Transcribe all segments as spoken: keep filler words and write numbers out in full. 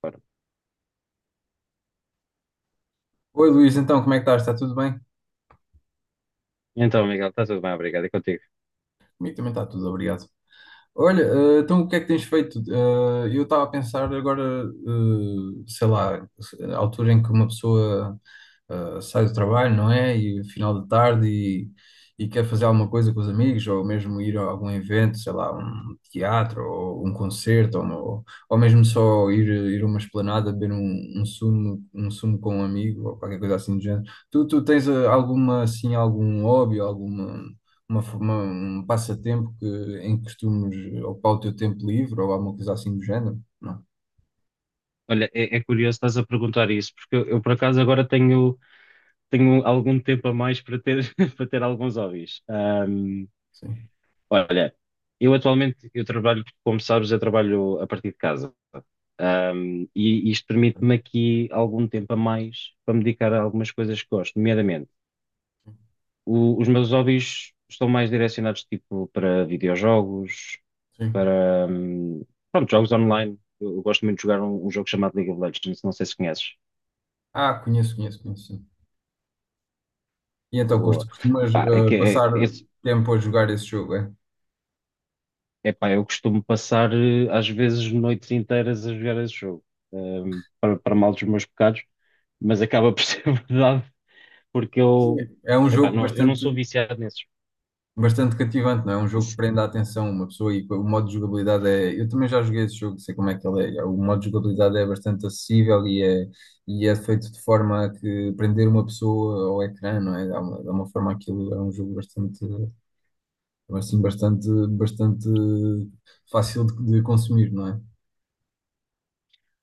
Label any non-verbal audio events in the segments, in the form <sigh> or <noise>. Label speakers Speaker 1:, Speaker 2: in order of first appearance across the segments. Speaker 1: Claro.
Speaker 2: Oi Luís, então como é que estás? Está tudo bem?
Speaker 1: Então, Miguel, está tudo bem, obrigado. É contigo.
Speaker 2: Comigo também está tudo, obrigado. Olha, eh, então o que é que tens feito? Eh, eu estava a pensar agora, eh, sei lá, a altura em que uma pessoa eh, sai do trabalho, não é? E final de tarde e, e quer fazer alguma coisa com os amigos ou mesmo ir a algum evento, sei lá, um teatro ou um concerto ou, uma- ou mesmo só ir, ir a uma esplanada beber um, um sumo, um sumo com um amigo ou qualquer coisa assim do género. Tu, tu tens eh, alguma assim algum hobby, alguma uma, uma- um passatempo que, em que costumes ocupar o teu tempo livre ou alguma coisa assim do género? Não,
Speaker 1: Olha, é, é curioso estás a perguntar isso, porque eu, eu, por acaso agora tenho, tenho algum tempo a mais para ter, <laughs> para ter alguns hobbies. Ahm,
Speaker 2: sim.
Speaker 1: olha, eu atualmente eu trabalho, como sabes, eu trabalho a partir de casa. Ahm, e isto permite-me aqui algum tempo a mais para me dedicar a algumas coisas que gosto, nomeadamente o- os meus hobbies estão mais direcionados tipo para videojogos,
Speaker 2: Sim.
Speaker 1: para hum, pronto, jogos online. Eu, eu gosto muito de jogar um, um jogo chamado League of Legends, não sei se conheces.
Speaker 2: Ah, conheço, conheço, conheço, sim. E então,
Speaker 1: Boa.
Speaker 2: costu- costumas
Speaker 1: Pá, é
Speaker 2: eh,
Speaker 1: que é,
Speaker 2: passar
Speaker 1: esse,
Speaker 2: tempo a jogar esse jogo, é?
Speaker 1: é pá, eu costumo passar eh, às vezes noites inteiras a jogar esse jogo, hum, para, para mal dos meus pecados, mas acaba por <laughs> ser verdade, porque
Speaker 2: Sim,
Speaker 1: eu,
Speaker 2: é um
Speaker 1: epá,
Speaker 2: jogo
Speaker 1: não, eu não
Speaker 2: bastante,
Speaker 1: sou viciado nesses.
Speaker 2: bastante cativante, não é? É um jogo que
Speaker 1: Se-
Speaker 2: prende a atenção uma pessoa e o modo de jogabilidade é... Eu também já joguei esse jogo, sei como é que ele é. O modo de jogabilidade é bastante acessível e é, e é feito de forma a que prender uma pessoa ao ecrã, não é? Dá uma, dá uma forma aquilo, é um jogo bastante. Então, é, assim, bastante, bastante fácil de, de consumir, não é?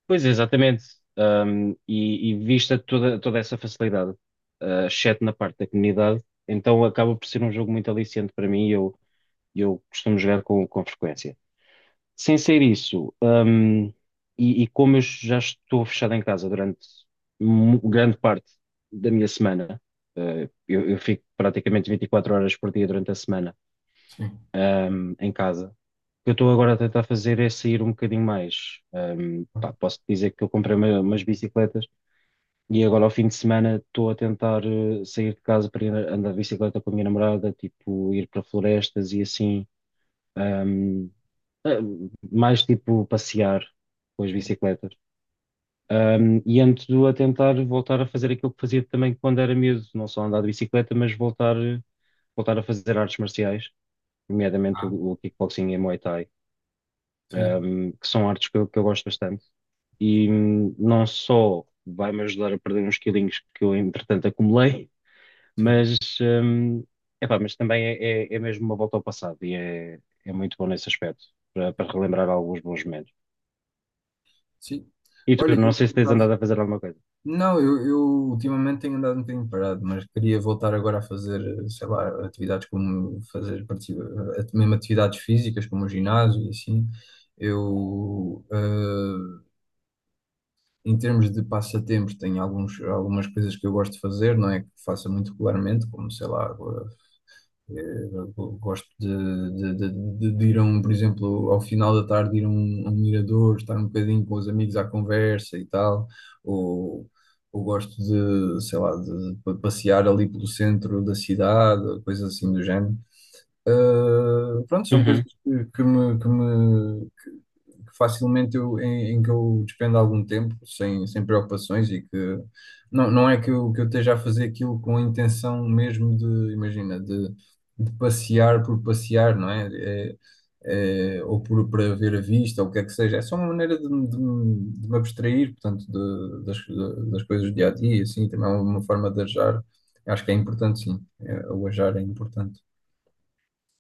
Speaker 1: Pois, é, exatamente. Hum, e, e vista toda, toda essa facilidade, eh, exceto na parte da comunidade, então acaba por ser um jogo muito aliciante para mim. Eu, e eu costumo jogar com, com frequência. Sem ser isso, hum, e, e como eu já estou fechado em casa durante mu- grande parte da minha semana, eh, eu, eu fico praticamente vinte e quatro horas por dia durante a semana,
Speaker 2: Sim,
Speaker 1: hum, em casa. O que eu estou agora a tentar fazer é sair um bocadinho mais. Hum, pá, posso dizer que eu comprei uma- umas bicicletas e agora ao fim de semana estou a tentar eh, sair de casa para ir andar de bicicleta com a minha namorada, tipo ir para florestas e assim. Ahm, eh, Mais tipo passear com as
Speaker 2: sim.
Speaker 1: bicicletas. Ahm, e ando a tentar voltar a fazer aquilo que fazia também quando era miúdo, não só andar de bicicleta, mas voltar, voltar a fazer artes marciais, nomeadamente
Speaker 2: Ah,
Speaker 1: o, o kickboxing e a Muay Thai,
Speaker 2: sim,
Speaker 1: ahm, que são artes que eu, que eu gosto bastante. E hum, não só vai-me ajudar a perder uns quilinhos que eu, entretanto, acumulei,
Speaker 2: sim,
Speaker 1: mas, hum, epá, mas também é, é, é mesmo uma volta ao passado e é, é muito bom nesse aspecto, para, para relembrar alguns bons momentos.
Speaker 2: sim.
Speaker 1: E tu,
Speaker 2: Olha,
Speaker 1: não
Speaker 2: eu
Speaker 1: sei se
Speaker 2: por
Speaker 1: tens
Speaker 2: acaso.
Speaker 1: andado a fazer alguma coisa.
Speaker 2: Não, eu, eu ultimamente tenho andado um bocadinho parado, mas queria voltar agora a fazer, sei lá, atividades como fazer, participa- eh, mesmo atividades físicas, como o ginásio e assim. Eu, eh, em termos de passatempos, tenho alguns, algumas coisas que eu gosto de fazer, não é que faça muito regularmente, como, sei lá, Eh, gosto de, de- de- de- de ir a um, por exemplo, ao final da tarde, ir a um, a um mirador, estar um bocadinho com os amigos à conversa e tal, ou, ou gosto de, sei lá, de, de pa- passear ali pelo centro da cidade, coisas assim do género. Eh, pronto, são coisas
Speaker 1: Uhum.
Speaker 2: que, que me, que me, que facilmente eu, em, em que eu despendo algum tempo sem, sem preocupações e que não, não é que eu, que eu esteja a fazer aquilo com a intenção mesmo de, imagina, de, de passear por passear, não é? É- é, ou por, para ver a vista, ou o que é que seja. É só uma maneira de, me- de, me de me abstrair, portanto, de- das, de- das coisas do dia a dia, assim, também é uma forma de ajar. Acho que é importante, sim. É, o ajar é importante.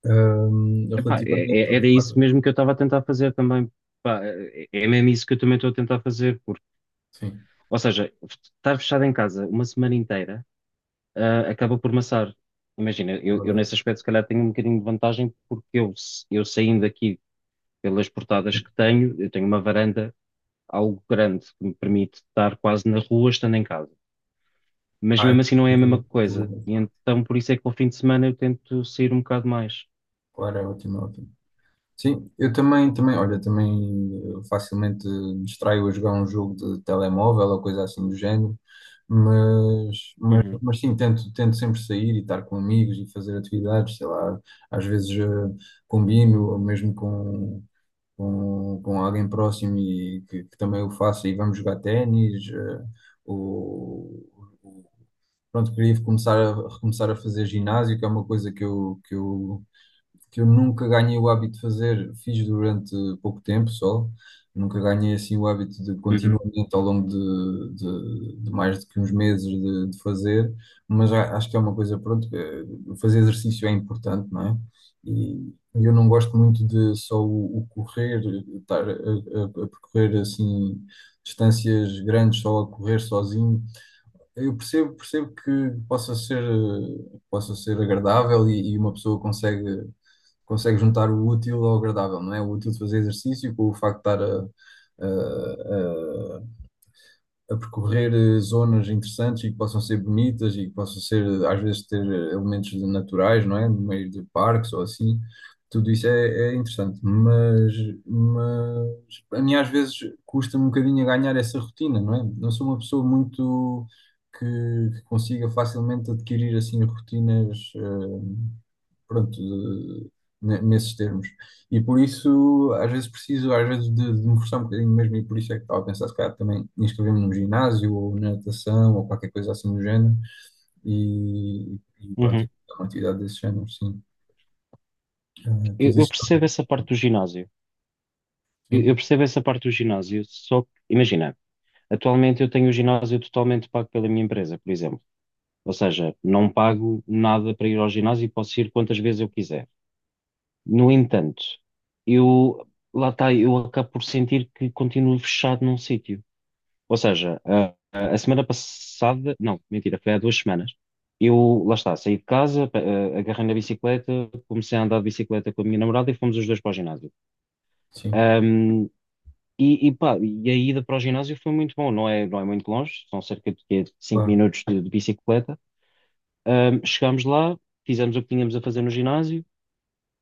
Speaker 2: Ahm,
Speaker 1: Epá,
Speaker 2: relativamente.
Speaker 1: é- é- era isso mesmo que eu estava a tentar fazer também. Pá, é é mesmo isso que eu também estou a tentar fazer, porque,
Speaker 2: Sim,
Speaker 1: ou seja, estar fechado em casa uma semana inteira, ah, acaba por maçar. Imagina,
Speaker 2: é
Speaker 1: eu, eu
Speaker 2: verdade.
Speaker 1: nesse aspecto se calhar tenho um bocadinho de vantagem, porque eu, eu saindo aqui pelas portadas que tenho, eu tenho uma varanda algo grande que me permite estar quase na rua estando em casa. Mas
Speaker 2: Ah,
Speaker 1: mesmo assim não é a
Speaker 2: tudo,
Speaker 1: mesma
Speaker 2: tudo
Speaker 1: coisa. E
Speaker 2: bem.
Speaker 1: então por isso é que ao fim de semana eu tento sair um bocado mais.
Speaker 2: Claro, é ótimo, é ótimo. Sim, eu também, também, olha, também eh, facilmente me distraio a jogar um jogo de telemóvel ou coisa assim do género, mas, mas,
Speaker 1: Uhum,
Speaker 2: mas sim, tento, tento sempre sair e estar com amigos e fazer atividades, sei lá, às vezes eh, combino, ou mesmo com, com, com alguém próximo e que, que também o faça e vamos jogar ténis. eh, o, o- pronto, queria começar a, recomeçar a fazer ginásio, que é uma coisa que eu, que eu que eu nunca ganhei o hábito de fazer, fiz durante pouco tempo só, nunca ganhei assim o hábito de
Speaker 1: uhum.
Speaker 2: continuamente ao longo de, de- de mais do que uns meses de, de fazer, mas a- acho que é uma coisa, pronto, eh, fazer exercício é importante, não é? E eu não gosto muito de só o, o correr, estar a, a- a percorrer assim distâncias grandes só a correr sozinho. Eu percebo, percebo que possa ser, eh, possa ser agradável e e uma pessoa consegue consegue juntar o útil ao agradável, não é? O útil de fazer exercício com o facto de estar a, a- a- a percorrer eh, zonas interessantes e que possam ser bonitas e que possam ser, eh, às vezes, ter eh, elementos de- naturais, não é? No meio de parques ou assim. Tudo isso é, é interessante, mas, mas a mim às vezes custa-me um bocadinho a ganhar essa rotina, não é? Não sou uma pessoa muito que, que consiga facilmente adquirir assim rotinas, eh, pronto, de- ne- nesses termos. E por isso, às vezes preciso, às vezes, de, de me forçar um bocadinho mesmo, e por isso é que estava a pensar, se calhar, também inscrever-me num ginásio, ou na natação, ou qualquer coisa assim do género, e, e pronto, e
Speaker 1: Uhum.
Speaker 2: é uma atividade desse género, sim. Ah, tu
Speaker 1: Eu, eu
Speaker 2: dizes
Speaker 1: percebo essa parte do ginásio. Eu, eu
Speaker 2: sim,
Speaker 1: percebo essa parte do ginásio, só que, imagina, atualmente eu tenho o ginásio totalmente pago pela minha empresa, por exemplo. Ou seja, não pago nada para ir ao ginásio e posso ir quantas vezes eu quiser. No entanto, eu, lá está, eu acabo por sentir que continuo fechado num sítio. Ou seja, a, a- a semana passada, não, mentira, foi há duas semanas. Eu, lá está, saí de casa, pa- eh, agarrei na bicicleta, comecei a andar de bicicleta com a minha namorada e fomos os dois para o ginásio.
Speaker 2: sim,
Speaker 1: Ahm, e, e pá, e a ida para o ginásio foi muito bom, não é, não é muito longe, são cerca de quê, cinco
Speaker 2: claro,
Speaker 1: minutos de, de bicicleta. Ahm, chegámos lá, fizemos o que tínhamos a fazer no ginásio,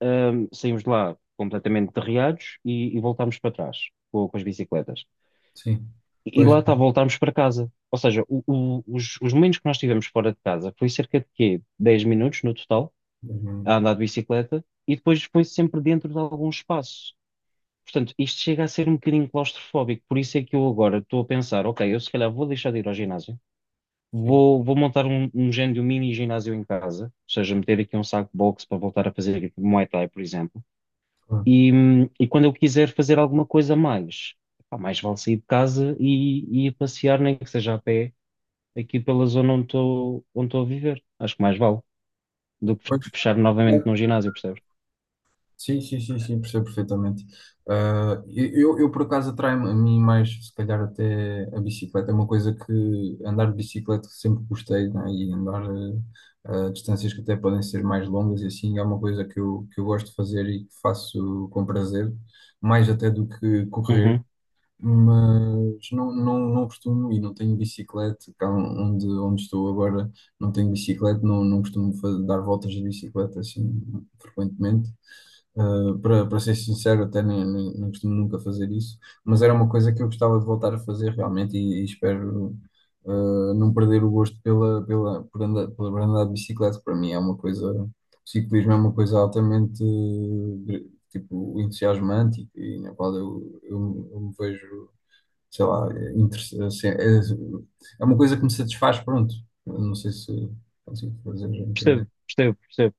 Speaker 1: ahm, saímos de lá completamente derreados e, e voltámos para trás com, com as bicicletas.
Speaker 2: sim,
Speaker 1: E
Speaker 2: pois,
Speaker 1: lá está, voltámos para casa. Ou seja, o- o- os, os momentos que nós tivemos fora de casa foi cerca de quê? dez minutos no total,
Speaker 2: sim,
Speaker 1: a andar de bicicleta, e depois foi sempre dentro de algum espaço. Portanto, isto chega a ser um bocadinho claustrofóbico, por isso é que eu agora estou a pensar, ok, eu se calhar vou deixar de ir ao ginásio, vou, vou montar um, um género de um mini ginásio em casa, ou seja, meter aqui um saco de boxe para voltar a fazer tipo Muay Thai, por exemplo,
Speaker 2: claro,
Speaker 1: e, hum, e quando eu quiser fazer alguma coisa a mais, pá, mais vale sair de casa e, e ir passear, nem que seja a pé aqui pela zona onde estou onde estou a viver. Acho que mais vale do que
Speaker 2: pois.
Speaker 1: fechar novamente num ginásio, percebes?
Speaker 2: Sim, sim, sim, sim, percebo perfeitamente. Ah, eu, eu, por acaso, atrai-me a mim mais, se calhar, até a bicicleta. É uma coisa que andar de bicicleta sempre gostei, né? E andar ah, a distâncias que até podem ser mais longas e assim é uma coisa que eu, que eu gosto de fazer e que faço com prazer, mais até do que correr.
Speaker 1: Uhum.
Speaker 2: Mas não, não, não costumo e não tenho bicicleta, cá onde, onde estou agora não tenho bicicleta, não, não costumo fa- dar voltas de bicicleta assim frequentemente. Uh, para, para ser sincero, até nem, nem, nem costumo nunca fazer isso, mas era uma coisa que eu gostava de voltar a fazer realmente e, e espero uh, não perder o gosto pela, pela, por andar, por andar de bicicleta. Para mim é uma coisa, o ciclismo é uma coisa altamente eh, tipo, entusiasmante e, e na qual eu, eu, eu me vejo, sei lá, é, interess- assim, é, é uma coisa que me satisfaz, pronto. Eu não sei se consigo fazer entender.
Speaker 1: Percebo, percebo, percebo.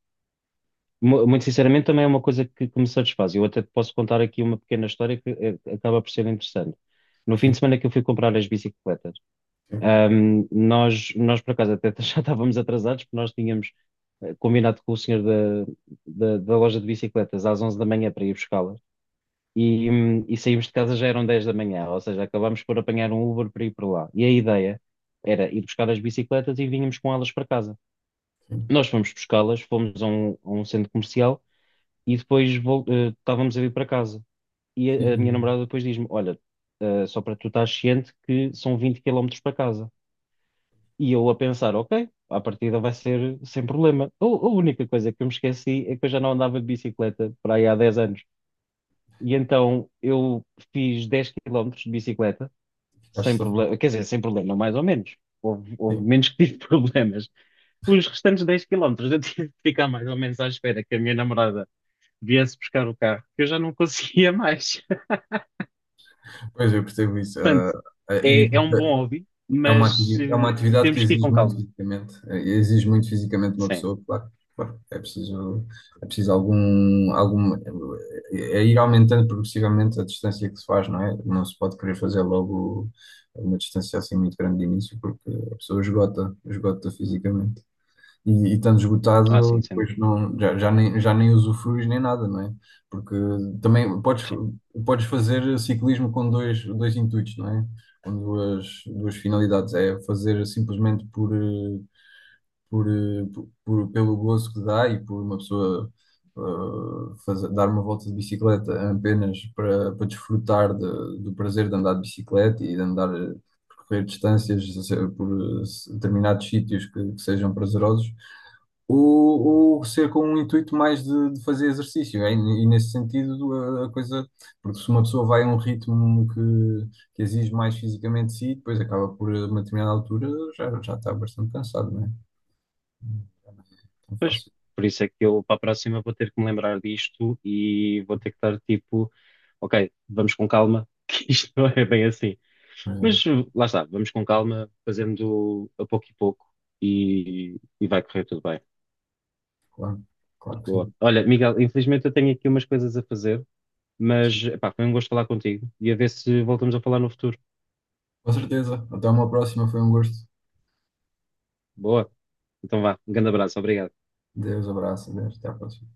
Speaker 1: Mu- Muito sinceramente, também é uma coisa que, que me satisfaz. Eu até te posso contar aqui uma pequena história que eh, acaba por ser interessante. No fim de
Speaker 2: Sim,
Speaker 1: semana que eu fui comprar as bicicletas,
Speaker 2: sim,
Speaker 1: ahm, nós, nós por acaso até <laughs> já estávamos atrasados, porque nós tínhamos eh, combinado com o senhor da, da, da loja de bicicletas às onze da manhã para ir buscá-las. E, hum, e saímos de casa já eram dez da manhã, ou seja, acabámos por apanhar um Uber para ir para lá. E a ideia era ir buscar as bicicletas e vínhamos com elas para casa.
Speaker 2: sim.
Speaker 1: Nós fomos buscá-las, fomos a um, a um centro comercial e depois vol- eh, estávamos a vir para casa. E
Speaker 2: Sim,
Speaker 1: a, a minha
Speaker 2: sim.
Speaker 1: namorada depois diz-me: Olha, eh, só para tu estar ciente que são vinte quilómetros para casa. E eu a pensar: Ok, à partida vai ser sem problema. A, a única coisa que eu me esqueci é que eu já não andava de bicicleta para aí há dez anos. E então eu fiz dez quilómetros de bicicleta,
Speaker 2: Acho que
Speaker 1: sem
Speaker 2: estou a falar.
Speaker 1: problema, quer dizer, sem problema, mais ou menos. Houve, houve
Speaker 2: Sim.
Speaker 1: menos que tive <laughs> problemas. Os restantes dez quilómetros eu tive de ficar mais ou menos à espera que a minha namorada viesse buscar o carro, que eu já não conseguia mais. <laughs>
Speaker 2: Pois, eu percebo isso.
Speaker 1: Portanto,
Speaker 2: Ah, ah, e
Speaker 1: é, é um
Speaker 2: ah,
Speaker 1: bom hobby,
Speaker 2: é uma
Speaker 1: mas
Speaker 2: atividade, é
Speaker 1: eh,
Speaker 2: uma atividade que
Speaker 1: temos que ir
Speaker 2: exige
Speaker 1: com
Speaker 2: muito
Speaker 1: calma.
Speaker 2: fisicamente, eh, exige muito fisicamente uma
Speaker 1: Sim,
Speaker 2: pessoa, claro. Claro. É preciso, é preciso algum, algum, é é ir aumentando progressivamente a distância que se faz, não é? Não se pode querer fazer logo uma distância assim muito grande de início, porque a pessoa esgota, esgota fisicamente. E, e estando
Speaker 1: ah,
Speaker 2: esgotado,
Speaker 1: sim, sem
Speaker 2: depois
Speaker 1: dúvida.
Speaker 2: não, já, já nem, já nem usufruis nem nada, não é? Porque também podes,
Speaker 1: Sim.
Speaker 2: podes fazer ciclismo com dois, dois intuitos, não é? Com duas, duas finalidades. É fazer simplesmente por, eh, por, eh, por- por- pelo gozo que dá e por uma pessoa eh, fazer, dar uma volta de bicicleta apenas para, para desfrutar de- do prazer de andar de bicicleta e de andar, eh, percorrer distâncias eh, por eh, determinados sítios que que sejam prazerosos ou, ou ser com um intuito mais de, de fazer exercício. É? E, e nesse sentido, a, a coisa, porque se uma pessoa vai a um ritmo que, que exige mais fisicamente de si, depois acaba por, a uma determinada altura, já, já está bastante cansado, não é? Não é tão
Speaker 1: Pois,
Speaker 2: fácil.
Speaker 1: por isso é que eu para a próxima vou ter que me lembrar disto e vou ter que estar tipo ok, vamos com calma, <laughs> que isto não é bem assim.
Speaker 2: Mas, é,
Speaker 1: Mas uh, lá está, vamos com calma, fazendo a pouco e pouco e, e vai correr tudo bem.
Speaker 2: claro, claro que
Speaker 1: Boa.
Speaker 2: sim.
Speaker 1: Olha, Miguel, infelizmente eu tenho aqui umas coisas a fazer,
Speaker 2: Sim.
Speaker 1: mas epá, foi um gosto falar contigo e a ver se voltamos a falar no futuro.
Speaker 2: Com certeza. Até uma próxima, foi um gosto.
Speaker 1: Boa. Então vá, um grande abraço, obrigado.
Speaker 2: Deus, abraço, Deus, até à próxima.